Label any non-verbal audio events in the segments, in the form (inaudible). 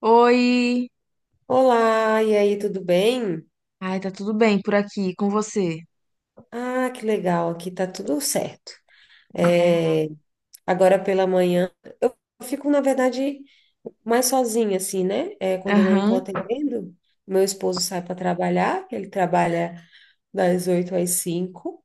Oi! Olá, e aí, tudo bem? Ai, tá tudo bem por aqui com você, Ah, que legal, aqui tá tudo certo. né? É, agora pela manhã, eu fico, na verdade, mais sozinha, assim, né? É, quando eu não tô Aham. atendendo, meu esposo sai para trabalhar, ele trabalha das 8 às 5.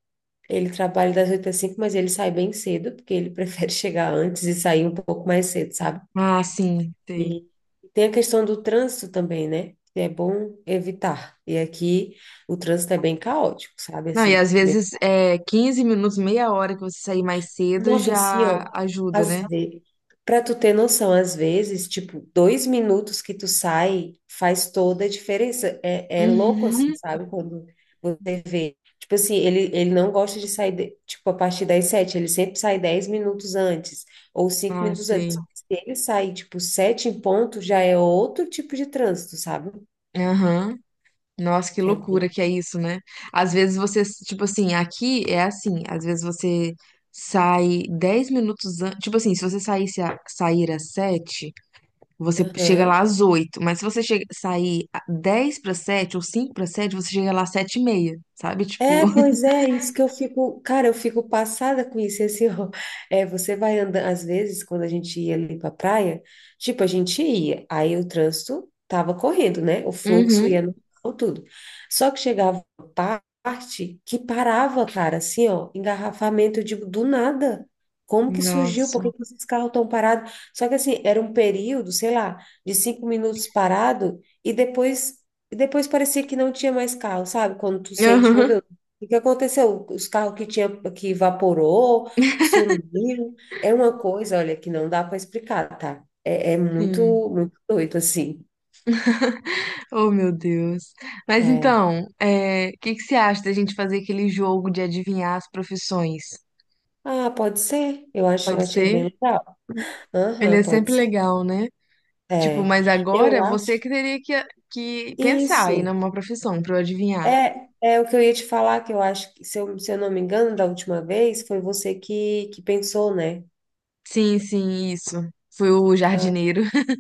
Mas ele sai bem cedo, porque ele (laughs) prefere chegar antes e sair um pouco mais cedo, sabe? Ah, sim, sei. E tem a questão do trânsito também, né? Que é bom evitar. E aqui o trânsito é bem caótico, sabe? Não, e às vezes é 15 minutos, meia hora que você sair mais cedo Nossa, assim, já ó, ajuda, às né? vezes, para tu ter noção, às vezes, tipo, 2 minutos que tu sai faz toda a diferença. É, é louco, assim, Uhum. sabe? Quando você vê. Tipo assim, ele não gosta de sair, tipo, a partir das sete, ele sempre sai 10 minutos antes, ou cinco Ah, minutos sei. antes. Se ele sair, tipo, sete em ponto, já é outro tipo de trânsito, sabe? Aham. Nossa, que É loucura bem. que é isso, né? Às vezes você, tipo assim, aqui é assim, às vezes você sai 10 minutos antes, tipo assim, se você sair às sete. Você chega lá Aham. às 8, mas se você chega, 10 para 7 ou 5 para 7, você chega lá às 7 e meia, sabe? Tipo, É, (laughs) pois é, isso que eu fico, cara, eu fico passada com isso, e assim, (laughs) ó, é, você vai andando, às vezes, quando a gente ia ali pra praia, tipo, a gente ia, aí o trânsito tava correndo, né, o fluxo ia Uhum. no tudo, só que chegava uma parte que parava, cara, assim, ó, engarrafamento, eu digo, do nada, como que surgiu, por que Nossa. que esses carros estão parados? Só que assim, era um período, sei lá, de 5 minutos parado, e depois. E depois parecia que não tinha mais carro, sabe? Quando tu sente, meu Aham. Deus. O que aconteceu? Os carros que tinha que evaporou, sumiram. É uma coisa, olha, que não dá para explicar, tá? É, é Sim. muito, muito doido assim. Oh, meu Deus. Mas É. então, é, o que que você acha da gente fazer aquele jogo de adivinhar as profissões? Ah, pode ser. Eu Pode achei bem ser? legal. Ele Aham, é pode sempre ser. legal, né? Tipo, É. mas Eu agora você acho. que teria que pensar aí Isso. numa profissão pra eu adivinhar. É, é o que eu ia te falar, que eu acho que, se eu não me engano, da última vez, foi você que pensou, né? Sim, sim, isso. Fui o Ah, jardineiro. (laughs)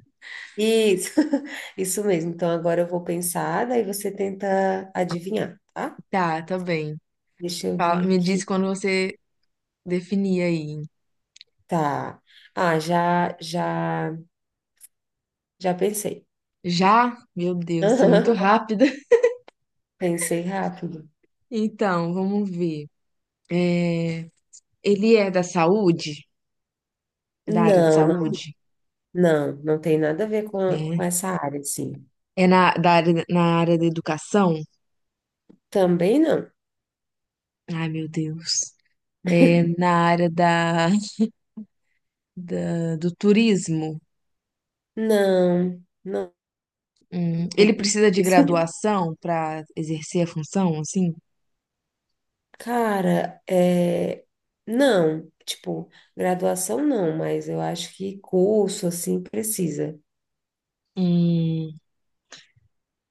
isso. (laughs) Isso mesmo. Então agora eu vou pensar, daí você tenta adivinhar, tá? Tá, tá bem. Deixa eu ver Me diz aqui. quando você definir aí. Tá. Ah, já pensei. Já? Meu (laughs) Deus, você é muito Aham, rápida. (laughs) pensei rápido. Então, vamos ver. É, ele é da saúde? Da área de Não, não, saúde? não, não tem nada a ver com Né? essa área, assim. É na área da educação? Também não. Ai, meu Deus. É na área da, do turismo? Não, não. Ele precisa de (laughs) graduação para exercer a função, assim? Cara, é... não, tipo, graduação não, mas eu acho que curso, assim, precisa. Hum,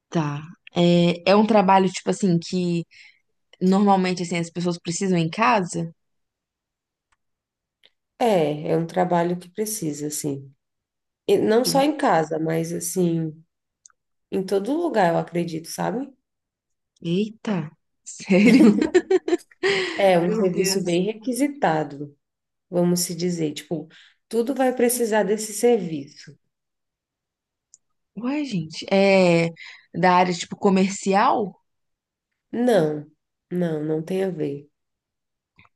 tá. É, é um trabalho, tipo assim, que normalmente assim, as pessoas precisam em casa? É, é um trabalho que precisa, assim. E não De só uma- em casa, mas, assim, em todo lugar, eu acredito, sabe? Eita, sério? (laughs) É um Meu serviço Deus. bem requisitado, vamos se dizer. Tipo, tudo vai precisar desse serviço. Ué, gente, é da área tipo comercial, Não, não, não tem a ver.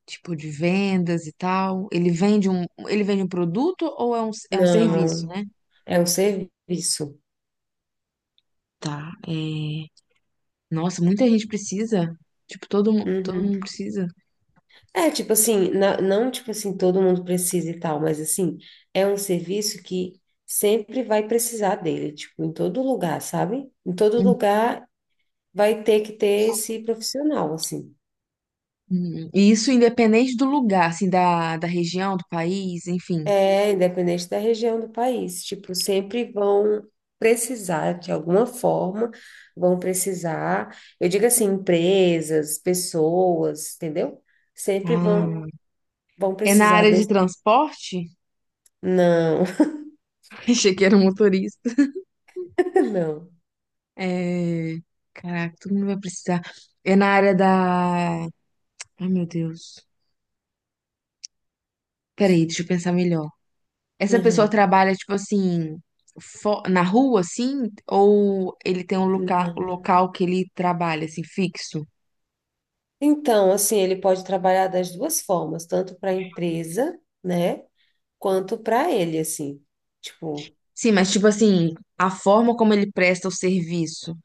tipo de vendas e tal. Ele vende um produto ou é um serviço, Não, né? é um serviço. Tá. É... Nossa, muita gente precisa. Tipo, todo Uhum. mundo precisa. É, tipo assim, não tipo assim, todo mundo precisa e tal, mas assim, é um serviço que sempre vai precisar dele, tipo, em todo lugar, sabe? Em todo Hum, lugar vai ter que ter esse profissional, assim. Hum. E isso independente do lugar, assim, da, da região, do país, enfim. É, independente da região do país, tipo, sempre vão precisar, de alguma forma, vão precisar, eu digo assim, empresas, pessoas, entendeu? Sempre Ah, vão, vão é na precisar área de desse. transporte? Não, (laughs) Achei que era um motorista. (laughs) não. É... Caraca, todo mundo vai precisar. É na área da. Ai, meu Deus. Peraí, deixa eu pensar melhor. Essa pessoa Uhum. trabalha, tipo assim, na rua, assim? Ou ele tem um local que ele trabalha, assim, fixo? Então, assim, ele pode trabalhar das duas formas, tanto para a empresa, né, quanto para ele, assim. Tipo, Sim, mas, tipo assim, a forma como ele presta o serviço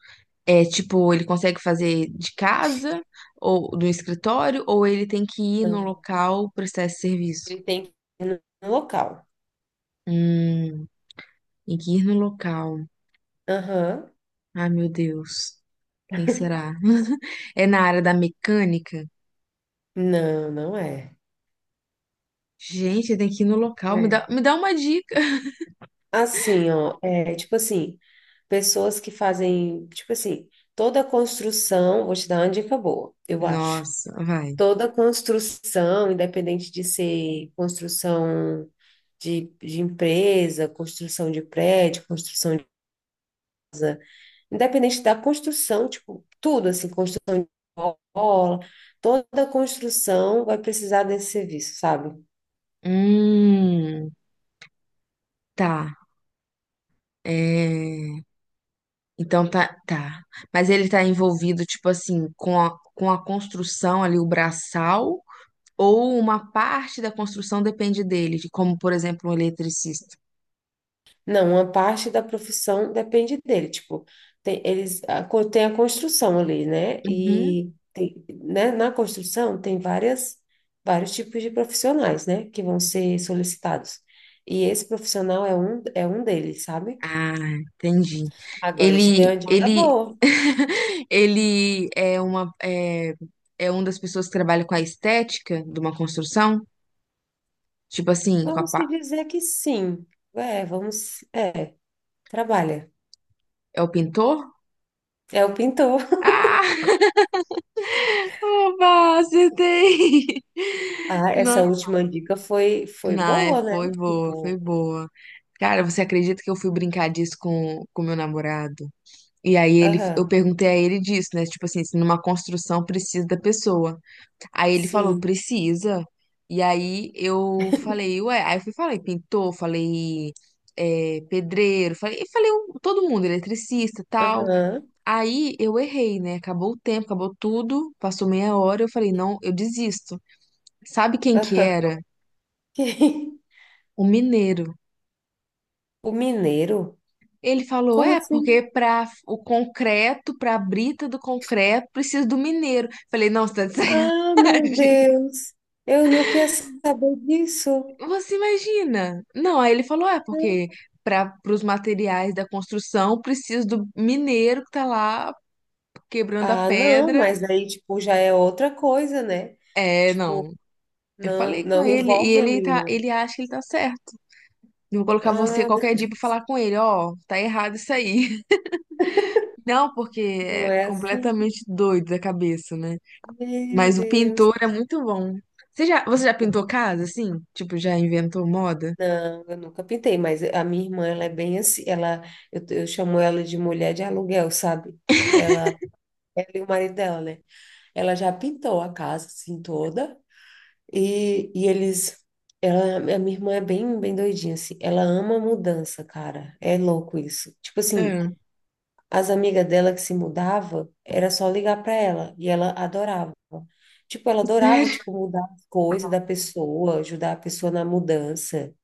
é, tipo, ele consegue fazer de casa ou do escritório? Ou ele tem que ir no não. local prestar esse serviço? Ele tem que ir no local. Hum, tem que ir no local. Aham. Ai, meu Deus. Quem será? (laughs) É na área da mecânica? Não, não é. Gente, tem que ir no Não local. É. Me dá uma dica. (laughs) Assim, ó, é tipo assim, pessoas que fazem, tipo assim, toda construção, vou te dar uma dica boa, eu acho. Nossa, vai. Toda construção, independente de ser construção de empresa, construção de prédio, construção de, independente da construção, tipo, tudo assim, construção de escola, toda construção vai precisar desse serviço, sabe? Hum, tá. É. Então tá, tá. Mas ele tá envolvido, tipo assim, com a construção ali, o braçal, ou uma parte da construção depende dele, de como, por exemplo, um eletricista. Não, uma parte da profissão depende dele. Tipo, tem, tem a construção ali, né? Uhum. E tem, né, na construção tem várias, vários tipos de profissionais, né? Que vão ser solicitados. E esse profissional é um deles, sabe? Ah, entendi. Agora eu te dei Ele, uma dica ele, boa. (laughs) ele é é uma das pessoas que trabalha com a estética de uma construção? Tipo assim, com a, Vamos se dizer que sim. É, vamos. É, trabalha. é o pintor? É o pintor. (laughs) Ah, (laughs) oba, acertei! Ah, essa Não, última dica foi não, é- boa, né? foi boa, foi Tipo, boa. Cara, você acredita que eu fui brincar disso com meu namorado? E aí ele, eu aham, perguntei a ele disso, né? Tipo assim, se numa construção precisa da pessoa. Aí ele falou, sim, precisa. E aí eu falei, ué, aí eu fui, falei, pintor, falei, é, pedreiro, falei, e falei todo mundo, eletricista, tal. aham. Aí eu errei, né? Acabou o tempo, acabou tudo, passou meia hora, eu falei, não, eu desisto. Sabe quem que (laughs) era? Que- (laughs) O mineiro. O mineiro? Ele falou, Como é, assim? porque para o concreto, para a brita do concreto, precisa do mineiro. Falei, não, você (laughs) tá de Ah, meu sacanagem. Deus! Eu não queria saber disso. Você imagina? Não, aí ele falou, é porque para os materiais da construção precisa do mineiro que tá lá quebrando a Ah, não, pedra. mas daí, tipo, já é outra coisa, né? É, Tipo, não. Eu não, falei com não ele e envolve ele ali tá, o. ele acha que ele tá certo. Eu vou colocar você Ah, qualquer dia pra falar com ele, ó, tá errado isso aí. (laughs) Não, porque não é é assim. completamente doido da cabeça, né? Meu Mas o Deus. pintor é muito bom. Você já pintou casa, assim? Tipo, já inventou moda? Não, eu nunca pintei, mas a minha irmã, ela é bem assim. Ela, eu chamo ela de mulher de aluguel, sabe? Ela e o marido dela, né? Ela já pintou a casa, assim, toda. E eles. Ela, a minha irmã é bem, bem doidinha, assim. Ela ama mudança, cara. É louco isso. Tipo assim, É, as amigas dela que se mudava, era só ligar pra ela. E ela adorava. Tipo, ela (laughs) adorava, tipo, sério? mudar as coisas da pessoa, ajudar a pessoa na mudança,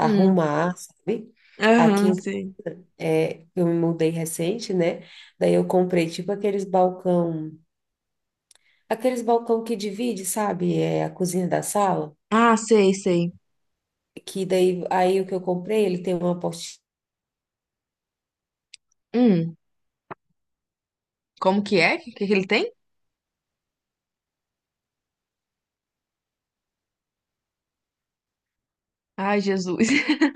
Hum, sabe? Aqui, aham, em- sei. é, eu me mudei recente, né? Daí eu comprei, tipo, aqueles balcão que divide, sabe? É a cozinha da sala. Ah, sei, sei. Que daí aí o que eu comprei, ele tem uma apostila. Hum, como que é? O que que ele tem? Ai, Jesus. (laughs)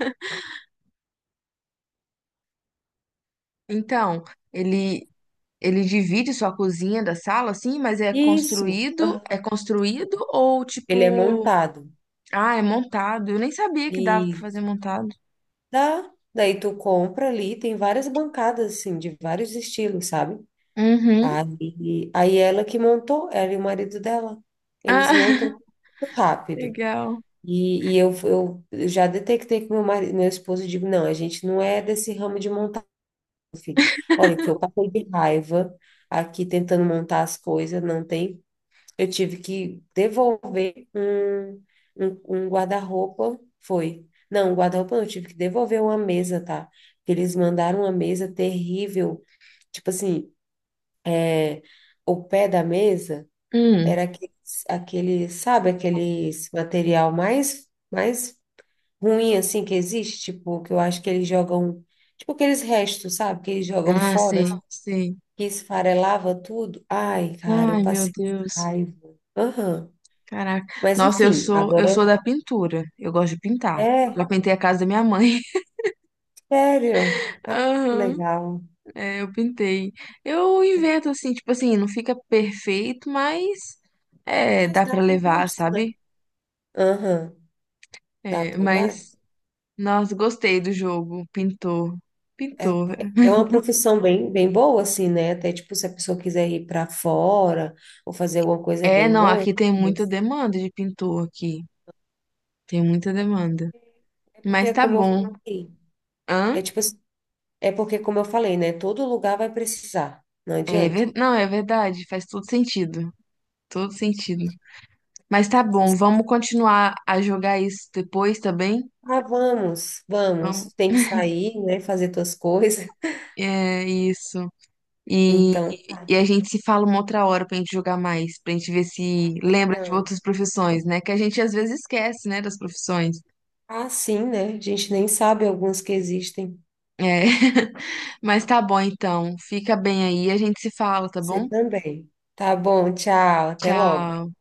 Então, ele ele divide sua cozinha da sala, assim, mas Isso. Aham. é construído ou Ele é tipo, montado. ah, é montado? Eu nem sabia que dava pra E fazer montado. tá, daí tu compra ali, tem várias bancadas assim, de vários estilos, sabe? Uhum. Aí ela que montou, ela e o marido dela. Eles Ah, montam (laughs) muito rápido. legal. E eu já detectei que meu marido, meu esposo, eu digo, não, a gente não é desse ramo de montar, filho. Olha, que eu passei de raiva aqui tentando montar as coisas, não tem. Eu tive que devolver um guarda-roupa, foi. Não, um guarda-roupa não, eu tive que devolver uma mesa, tá? Porque eles mandaram uma mesa terrível. Tipo assim, o pé da mesa Hum. era aqueles, aquele, sabe, aqueles material mais ruim, assim, que existe, tipo, que eu acho que eles jogam, tipo aqueles restos, sabe, que eles jogam Ah, fora, sei, assim, sei. que esfarelava tudo. Ai, cara, eu Ai, meu passei Deus. raiva. Aham. Caraca. Mas Nossa, enfim, eu agora sou da pintura. Eu gosto de pintar. é, Já pintei a casa da minha mãe. sério. (laughs) Ah, que Aham. legal. É, eu pintei. Eu invento assim, tipo assim, não fica perfeito, mas é, Mas dá dá pra pro levar, gasto, né? sabe? Aham, dá É, pro mas, gasto. nossa, gostei do jogo. Pintor. É, Pintor. é uma profissão bem, bem boa, assim, né? Até, tipo, se a pessoa quiser ir para fora ou fazer alguma coisa, é É, bem não, bom. aqui tem muita demanda de pintor aqui. Tem muita demanda. É porque, Mas é tá como eu bom. falei, é Hã? tipo, assim, é porque, como eu falei, né? Todo lugar vai precisar, não É, adianta. Não, é verdade, faz todo sentido. Todo sentido. Mas tá bom, Mas, vamos continuar a jogar isso depois, tá bem? ah, vamos, Vamos. vamos, tem que (laughs) sair, né? Fazer tuas coisas. (laughs) É isso. E, Então, e a gente se fala uma outra hora pra gente jogar mais, pra gente ver tá se bom, lembra de então. outras profissões, né? Que a gente às vezes esquece, né, das profissões. Ah, sim, né? A gente nem sabe alguns que existem. É. (laughs) Mas tá bom então. Fica bem aí, a gente se fala, tá Você bom? também. Tá bom, tchau, até logo. Tchau.